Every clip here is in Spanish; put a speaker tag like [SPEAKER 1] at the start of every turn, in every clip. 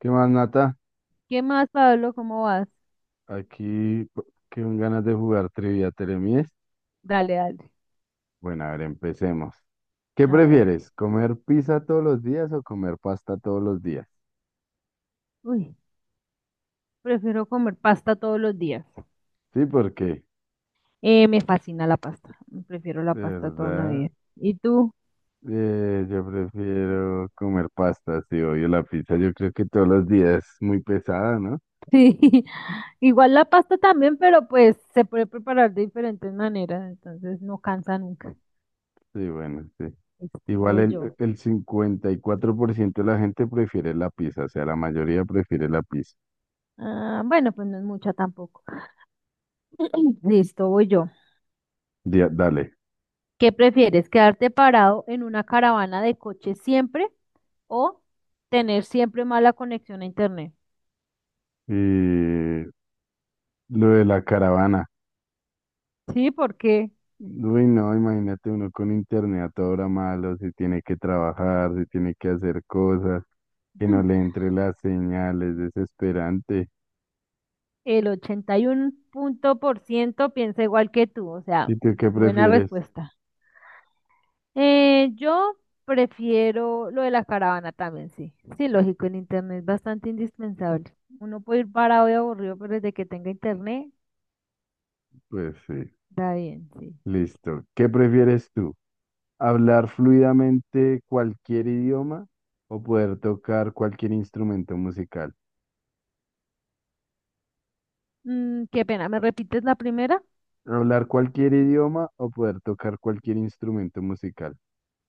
[SPEAKER 1] ¿Qué más, Nata?
[SPEAKER 2] ¿Qué más, Pablo? ¿Cómo vas?
[SPEAKER 1] Aquí con ganas de jugar Trivia Teremies.
[SPEAKER 2] Dale, dale.
[SPEAKER 1] Bueno, a ver, empecemos. ¿Qué
[SPEAKER 2] A ver.
[SPEAKER 1] prefieres? ¿Comer pizza todos los días o comer pasta todos los días?
[SPEAKER 2] Uy, prefiero comer pasta todos los días.
[SPEAKER 1] Sí, porque,
[SPEAKER 2] Me fascina la pasta. Prefiero la
[SPEAKER 1] de
[SPEAKER 2] pasta toda una
[SPEAKER 1] verdad,
[SPEAKER 2] vida. ¿Y tú?
[SPEAKER 1] yo prefiero comer pasta, sí, obvio la pizza. Yo creo que todos los días es muy pesada, ¿no?
[SPEAKER 2] Sí, igual la pasta también, pero pues se puede preparar de diferentes maneras, entonces no cansa nunca.
[SPEAKER 1] Sí, bueno, sí.
[SPEAKER 2] Listo,
[SPEAKER 1] Igual
[SPEAKER 2] voy
[SPEAKER 1] el,
[SPEAKER 2] yo.
[SPEAKER 1] el 54% de la gente prefiere la pizza, o sea, la mayoría prefiere la pizza.
[SPEAKER 2] Ah, bueno, pues no es mucha tampoco. Listo, voy yo.
[SPEAKER 1] Dale.
[SPEAKER 2] ¿Qué prefieres? ¿Quedarte parado en una caravana de coches siempre o tener siempre mala conexión a internet?
[SPEAKER 1] Y lo de la caravana.
[SPEAKER 2] Sí, ¿por qué?
[SPEAKER 1] Uy, no, imagínate uno con internet a hora malo, si tiene que trabajar, si tiene que hacer cosas, que no le entre las señales desesperante.
[SPEAKER 2] El 81 punto por ciento piensa igual que tú, o sea,
[SPEAKER 1] ¿Y tú qué
[SPEAKER 2] buena
[SPEAKER 1] prefieres?
[SPEAKER 2] respuesta. Yo prefiero lo de la caravana también, sí. Sí, lógico, el internet es bastante indispensable. Uno puede ir parado y aburrido, pero desde que tenga internet,
[SPEAKER 1] Pues sí,
[SPEAKER 2] está bien, sí.
[SPEAKER 1] listo. ¿Qué prefieres tú? ¿Hablar fluidamente cualquier idioma o poder tocar cualquier instrumento musical?
[SPEAKER 2] Qué pena, ¿me repites la primera?
[SPEAKER 1] ¿Hablar cualquier idioma o poder tocar cualquier instrumento musical?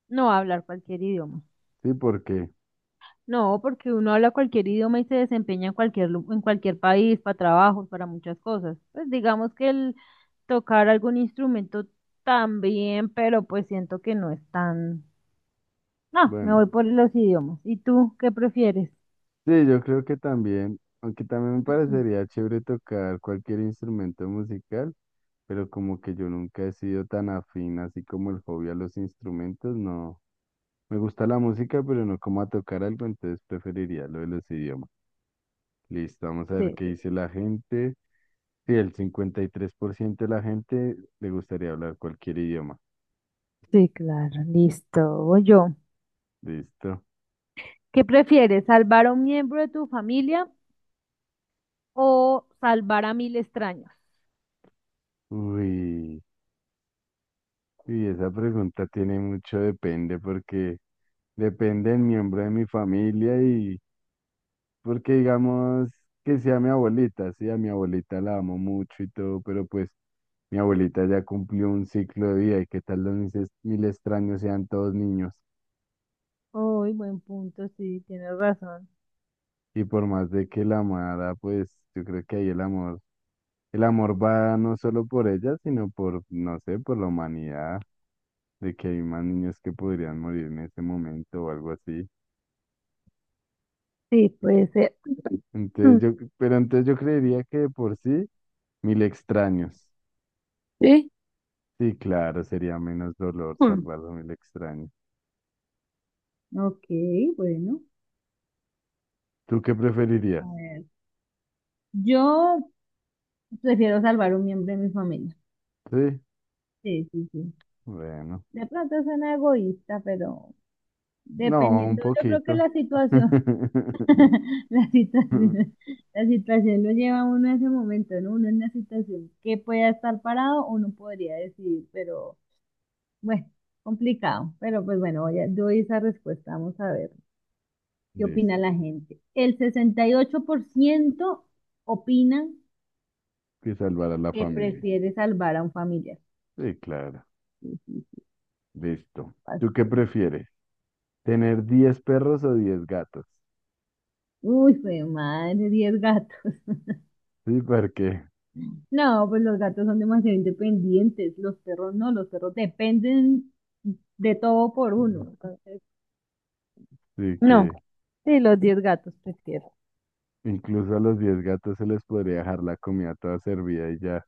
[SPEAKER 2] No, hablar cualquier idioma.
[SPEAKER 1] Sí, porque,
[SPEAKER 2] No, porque uno habla cualquier idioma y se desempeña en cualquier, en cualquier país, para trabajos, para muchas cosas. Pues digamos que el tocar algún instrumento también, pero pues siento que no es tan... No, me
[SPEAKER 1] bueno,
[SPEAKER 2] voy por los idiomas. ¿Y tú qué prefieres?
[SPEAKER 1] sí, yo creo que también, aunque también me parecería chévere tocar cualquier instrumento musical, pero como que yo nunca he sido tan afín, así como el hobby a los instrumentos, no. Me gusta la música, pero no como a tocar algo, entonces preferiría lo de los idiomas. Listo, vamos a ver qué
[SPEAKER 2] Sí,
[SPEAKER 1] dice la gente. Sí, el 53% de la gente le gustaría hablar cualquier idioma.
[SPEAKER 2] sí, claro, listo. Voy yo.
[SPEAKER 1] Listo.
[SPEAKER 2] ¿Qué prefieres, salvar a un miembro de tu familia o salvar a 1.000 extraños?
[SPEAKER 1] Uy, y esa pregunta tiene mucho depende porque depende del miembro de mi familia y porque digamos que sea mi abuelita, sí, a mi abuelita la amo mucho y todo, pero pues mi abuelita ya cumplió un ciclo de vida y qué tal los mil extraños sean todos niños.
[SPEAKER 2] Uy, buen punto, sí, tienes razón.
[SPEAKER 1] Y por más de que la amara, pues yo creo que ahí el amor va no solo por ella, sino por, no sé, por la humanidad, de que hay más niños que podrían morir en ese momento o algo así.
[SPEAKER 2] Sí, puede ser.
[SPEAKER 1] Entonces
[SPEAKER 2] Mm.
[SPEAKER 1] yo, pero entonces yo creería que de por sí, mil extraños.
[SPEAKER 2] ¿Sí?
[SPEAKER 1] Sí, claro, sería menos dolor
[SPEAKER 2] Mm.
[SPEAKER 1] salvar a mil extraños.
[SPEAKER 2] Ok, bueno.
[SPEAKER 1] ¿Tú qué
[SPEAKER 2] A
[SPEAKER 1] preferirías?
[SPEAKER 2] ver, yo prefiero salvar un miembro de mi familia.
[SPEAKER 1] Sí,
[SPEAKER 2] Sí, sí, sí.
[SPEAKER 1] bueno.
[SPEAKER 2] De pronto suena egoísta, pero
[SPEAKER 1] No, un
[SPEAKER 2] dependiendo, yo creo que
[SPEAKER 1] poquito.
[SPEAKER 2] la situación, la situación, la situación lo lleva a uno a ese momento, ¿no? Uno en la situación que pueda estar parado, uno podría decidir, pero bueno, complicado. Pero pues bueno, doy esa respuesta, vamos a ver qué
[SPEAKER 1] Listo.
[SPEAKER 2] opina la gente. El 68% opinan
[SPEAKER 1] Que salvar a la
[SPEAKER 2] que
[SPEAKER 1] familia.
[SPEAKER 2] prefiere salvar a un familiar.
[SPEAKER 1] Sí, claro.
[SPEAKER 2] Sí, sí, sí,
[SPEAKER 1] Listo. ¿Tú qué
[SPEAKER 2] pasó.
[SPEAKER 1] prefieres? ¿Tener 10 perros o 10 gatos?
[SPEAKER 2] Uy, fue madre, 10 gatos.
[SPEAKER 1] Sí, porque
[SPEAKER 2] No, pues los gatos son demasiado independientes, los perros no, los perros dependen de todo por uno. Entonces,
[SPEAKER 1] sí
[SPEAKER 2] no,
[SPEAKER 1] que
[SPEAKER 2] sí, los 10 gatos prefiero.
[SPEAKER 1] incluso a los 10 gatos se les podría dejar la comida toda servida y ya.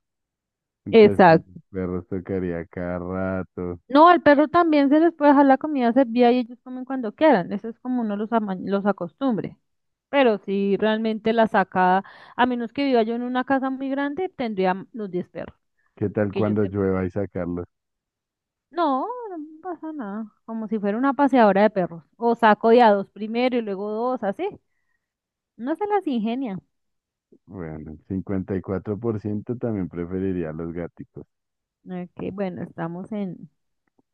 [SPEAKER 1] Entonces que
[SPEAKER 2] Exacto.
[SPEAKER 1] los perros tocaría cada rato.
[SPEAKER 2] No, al perro también se les puede dejar la comida servida y ellos comen cuando quieran. Eso es como uno los, los acostumbre. Pero si realmente la saca, a menos que viva yo en una casa muy grande, tendría los 10 perros.
[SPEAKER 1] ¿Qué tal
[SPEAKER 2] Que yo
[SPEAKER 1] cuando
[SPEAKER 2] sepa.
[SPEAKER 1] llueva y sacarlos?
[SPEAKER 2] No, no pasa nada. Como si fuera una paseadora de perros. O saco de a dos primero y luego dos, así. No se las ingenia.
[SPEAKER 1] Bueno, el 54% también preferiría los gatos.
[SPEAKER 2] Ok, bueno, estamos en...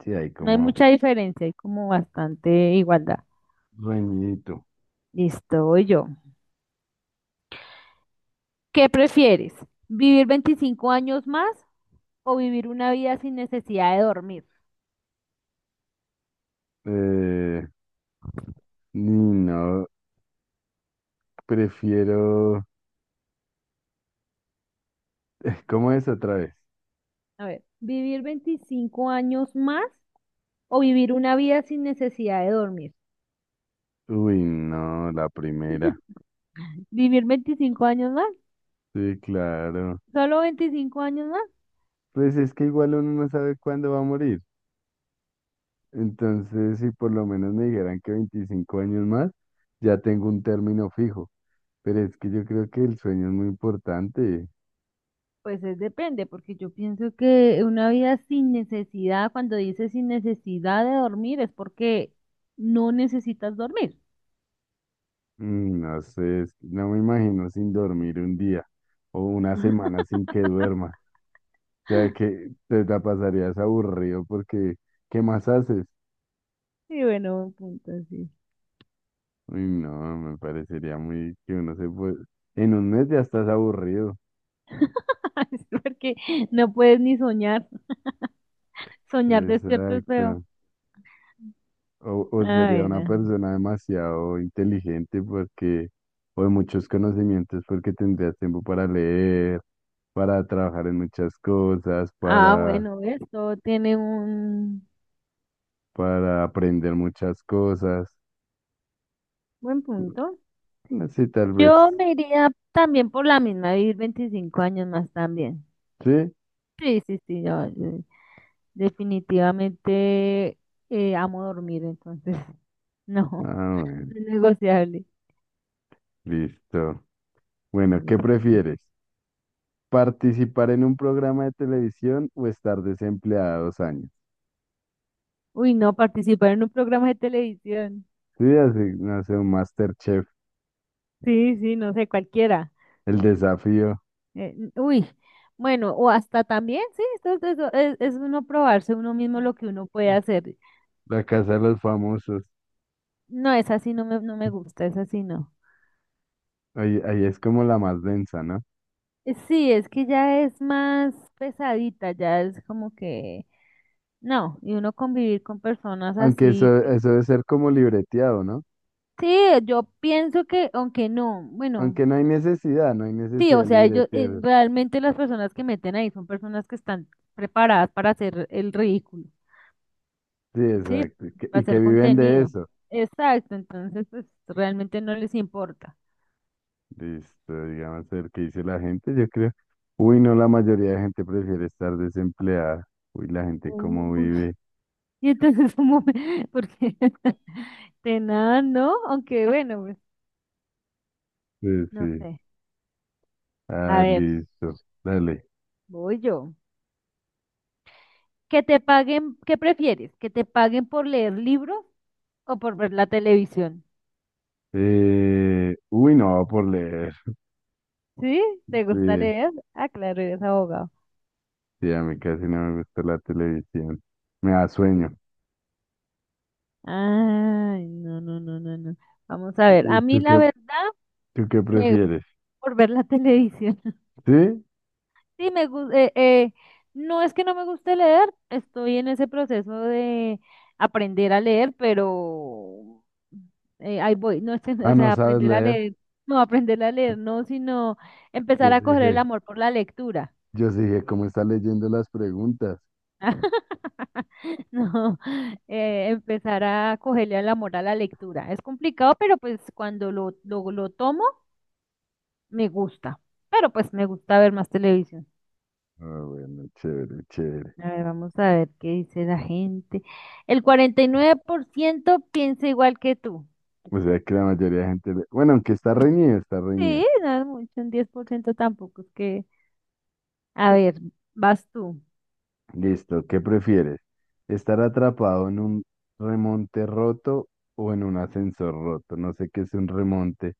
[SPEAKER 1] Sí, hay
[SPEAKER 2] No hay
[SPEAKER 1] como
[SPEAKER 2] mucha diferencia, hay como bastante igualdad.
[SPEAKER 1] reñidito.
[SPEAKER 2] Listo, voy yo. ¿Qué prefieres? ¿Vivir 25 años más o vivir una vida sin necesidad de dormir?
[SPEAKER 1] Eh, ni no, prefiero. ¿Cómo es otra vez?
[SPEAKER 2] A ver, ¿vivir 25 años más o vivir una vida sin necesidad de dormir?
[SPEAKER 1] Uy, no, la primera.
[SPEAKER 2] ¿Vivir 25 años más?
[SPEAKER 1] Sí, claro.
[SPEAKER 2] ¿Solo 25 años más?
[SPEAKER 1] Pues es que igual uno no sabe cuándo va a morir. Entonces, si por lo menos me dijeran que 25 años más, ya tengo un término fijo. Pero es que yo creo que el sueño es muy importante.
[SPEAKER 2] Pues es depende, porque yo pienso que una vida sin necesidad, cuando dices sin necesidad de dormir, es porque no necesitas dormir.
[SPEAKER 1] No sé, es que no me imagino sin dormir un día o una semana sin que duerma. O sea,
[SPEAKER 2] ¡Ah!
[SPEAKER 1] que te la pasarías aburrido porque, ¿qué más haces?
[SPEAKER 2] Sí, bueno, buen punto, sí.
[SPEAKER 1] Uy, no, me parecería muy que uno se puede... En un mes ya estás aburrido.
[SPEAKER 2] Es porque no puedes ni soñar. Soñar despierto es feo.
[SPEAKER 1] Exacto. O
[SPEAKER 2] ah
[SPEAKER 1] sería una
[SPEAKER 2] bueno
[SPEAKER 1] persona demasiado inteligente porque, o de muchos conocimientos porque tendrías tiempo para leer, para trabajar en muchas cosas,
[SPEAKER 2] Ah,
[SPEAKER 1] para,
[SPEAKER 2] bueno, esto tiene un
[SPEAKER 1] para aprender muchas cosas.
[SPEAKER 2] buen punto.
[SPEAKER 1] Así tal vez.
[SPEAKER 2] Yo me iría también por la misma, vivir 25 años más también.
[SPEAKER 1] ¿Sí?
[SPEAKER 2] Sí, sí, sí, yo definitivamente amo dormir, entonces no,
[SPEAKER 1] Ah, bueno,
[SPEAKER 2] no es negociable.
[SPEAKER 1] listo. Bueno, ¿qué prefieres? Participar en un programa de televisión o estar desempleado 2 años.
[SPEAKER 2] Uy, no, participar en un programa de televisión.
[SPEAKER 1] Sí, así, no sé, un MasterChef,
[SPEAKER 2] Sí, sí, no sé, cualquiera.
[SPEAKER 1] El Desafío,
[SPEAKER 2] Uy, bueno, o hasta también, sí, esto es uno probarse uno mismo lo que uno puede hacer.
[SPEAKER 1] La Casa de los Famosos.
[SPEAKER 2] No, es así, no me gusta, es así, no.
[SPEAKER 1] Ahí es como la más densa, ¿no?
[SPEAKER 2] Sí, es que ya es más pesadita, ya es como que, no, y uno convivir con personas
[SPEAKER 1] Aunque
[SPEAKER 2] así.
[SPEAKER 1] eso debe ser como libreteado, ¿no?
[SPEAKER 2] Sí, yo pienso que, aunque no, bueno,
[SPEAKER 1] Aunque no hay necesidad, no hay
[SPEAKER 2] sí,
[SPEAKER 1] necesidad
[SPEAKER 2] o
[SPEAKER 1] de
[SPEAKER 2] sea, ellos,
[SPEAKER 1] libretear.
[SPEAKER 2] realmente las personas que meten ahí son personas que están preparadas para hacer el ridículo.
[SPEAKER 1] Sí,
[SPEAKER 2] Sí,
[SPEAKER 1] exacto. Y que
[SPEAKER 2] hacer
[SPEAKER 1] viven de
[SPEAKER 2] contenido.
[SPEAKER 1] eso.
[SPEAKER 2] Exacto, entonces pues realmente no les importa.
[SPEAKER 1] Listo, digamos, el que dice la gente, yo creo. Uy, no, la mayoría de gente prefiere estar desempleada. Uy, la gente cómo
[SPEAKER 2] Uy.
[SPEAKER 1] vive.
[SPEAKER 2] Y entonces porque de nada, ¿no? Aunque bueno, pues
[SPEAKER 1] Sí,
[SPEAKER 2] no
[SPEAKER 1] sí.
[SPEAKER 2] sé. A
[SPEAKER 1] Ah,
[SPEAKER 2] ver,
[SPEAKER 1] listo. Dale.
[SPEAKER 2] voy yo. ¿Que te paguen, qué prefieres? ¿Que te paguen por leer libros o por ver la televisión?
[SPEAKER 1] Uy, no, por leer.
[SPEAKER 2] ¿Sí? ¿Te gusta
[SPEAKER 1] Sí,
[SPEAKER 2] leer? Ah, claro, eres abogado.
[SPEAKER 1] sí, a mí casi no me gusta la televisión. Me da sueño.
[SPEAKER 2] Ay, no, no, no, no, no. Vamos a ver.
[SPEAKER 1] ¿Y
[SPEAKER 2] A mí la verdad
[SPEAKER 1] tú qué
[SPEAKER 2] me
[SPEAKER 1] prefieres?
[SPEAKER 2] por ver la televisión.
[SPEAKER 1] ¿Sí?
[SPEAKER 2] Sí, no es que no me guste leer, estoy en ese proceso de aprender a leer, pero ahí voy, no es que,
[SPEAKER 1] Ah,
[SPEAKER 2] o
[SPEAKER 1] no
[SPEAKER 2] sea,
[SPEAKER 1] sabes
[SPEAKER 2] aprender a
[SPEAKER 1] leer.
[SPEAKER 2] leer, no aprender a leer, no, sino
[SPEAKER 1] Yo
[SPEAKER 2] empezar a
[SPEAKER 1] sí
[SPEAKER 2] coger el
[SPEAKER 1] dije,
[SPEAKER 2] amor por la lectura.
[SPEAKER 1] yo sí dije, ¿cómo está leyendo las preguntas?
[SPEAKER 2] No, empezar a cogerle el amor a la lectura. Es complicado, pero pues cuando lo tomo, me gusta. Pero pues me gusta ver más televisión.
[SPEAKER 1] Ah, bueno, chévere, chévere.
[SPEAKER 2] A ver, vamos a ver qué dice la gente. El 49% piensa igual que tú.
[SPEAKER 1] O sea que la mayoría de gente... Bueno, aunque está reñido, está reñido.
[SPEAKER 2] Sí, no es mucho, un 10% tampoco. Es que, a ver, vas tú.
[SPEAKER 1] Listo, ¿qué prefieres? ¿Estar atrapado en un remonte roto o en un ascensor roto? No sé qué es un remonte.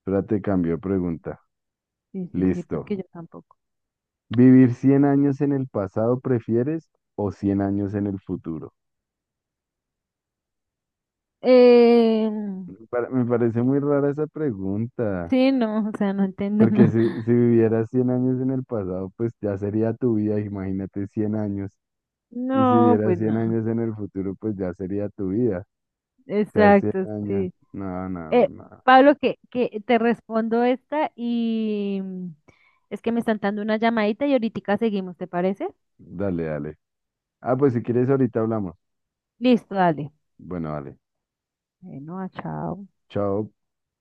[SPEAKER 1] Espérate, cambio de pregunta.
[SPEAKER 2] Sí, sí, sí, porque
[SPEAKER 1] Listo.
[SPEAKER 2] yo tampoco.
[SPEAKER 1] ¿Vivir 100 años en el pasado prefieres o 100 años en el futuro?
[SPEAKER 2] Eh,
[SPEAKER 1] Me parece muy rara esa pregunta,
[SPEAKER 2] sí, no, o sea, no entiendo
[SPEAKER 1] porque
[SPEAKER 2] nada.
[SPEAKER 1] si vivieras 100 años en el pasado, pues ya sería tu vida, imagínate 100 años. Y si
[SPEAKER 2] No,
[SPEAKER 1] vivieras
[SPEAKER 2] pues
[SPEAKER 1] 100
[SPEAKER 2] no.
[SPEAKER 1] años en el futuro, pues ya sería tu vida. O sea, 100
[SPEAKER 2] Exacto,
[SPEAKER 1] años.
[SPEAKER 2] sí.
[SPEAKER 1] No, no,
[SPEAKER 2] Eh,
[SPEAKER 1] no.
[SPEAKER 2] Pablo, que te respondo esta y es que me están dando una llamadita y ahorita seguimos, ¿te parece?
[SPEAKER 1] Dale, dale. Ah, pues si quieres ahorita hablamos.
[SPEAKER 2] Listo, dale.
[SPEAKER 1] Bueno, dale.
[SPEAKER 2] Bueno, ah, chao.
[SPEAKER 1] Chao.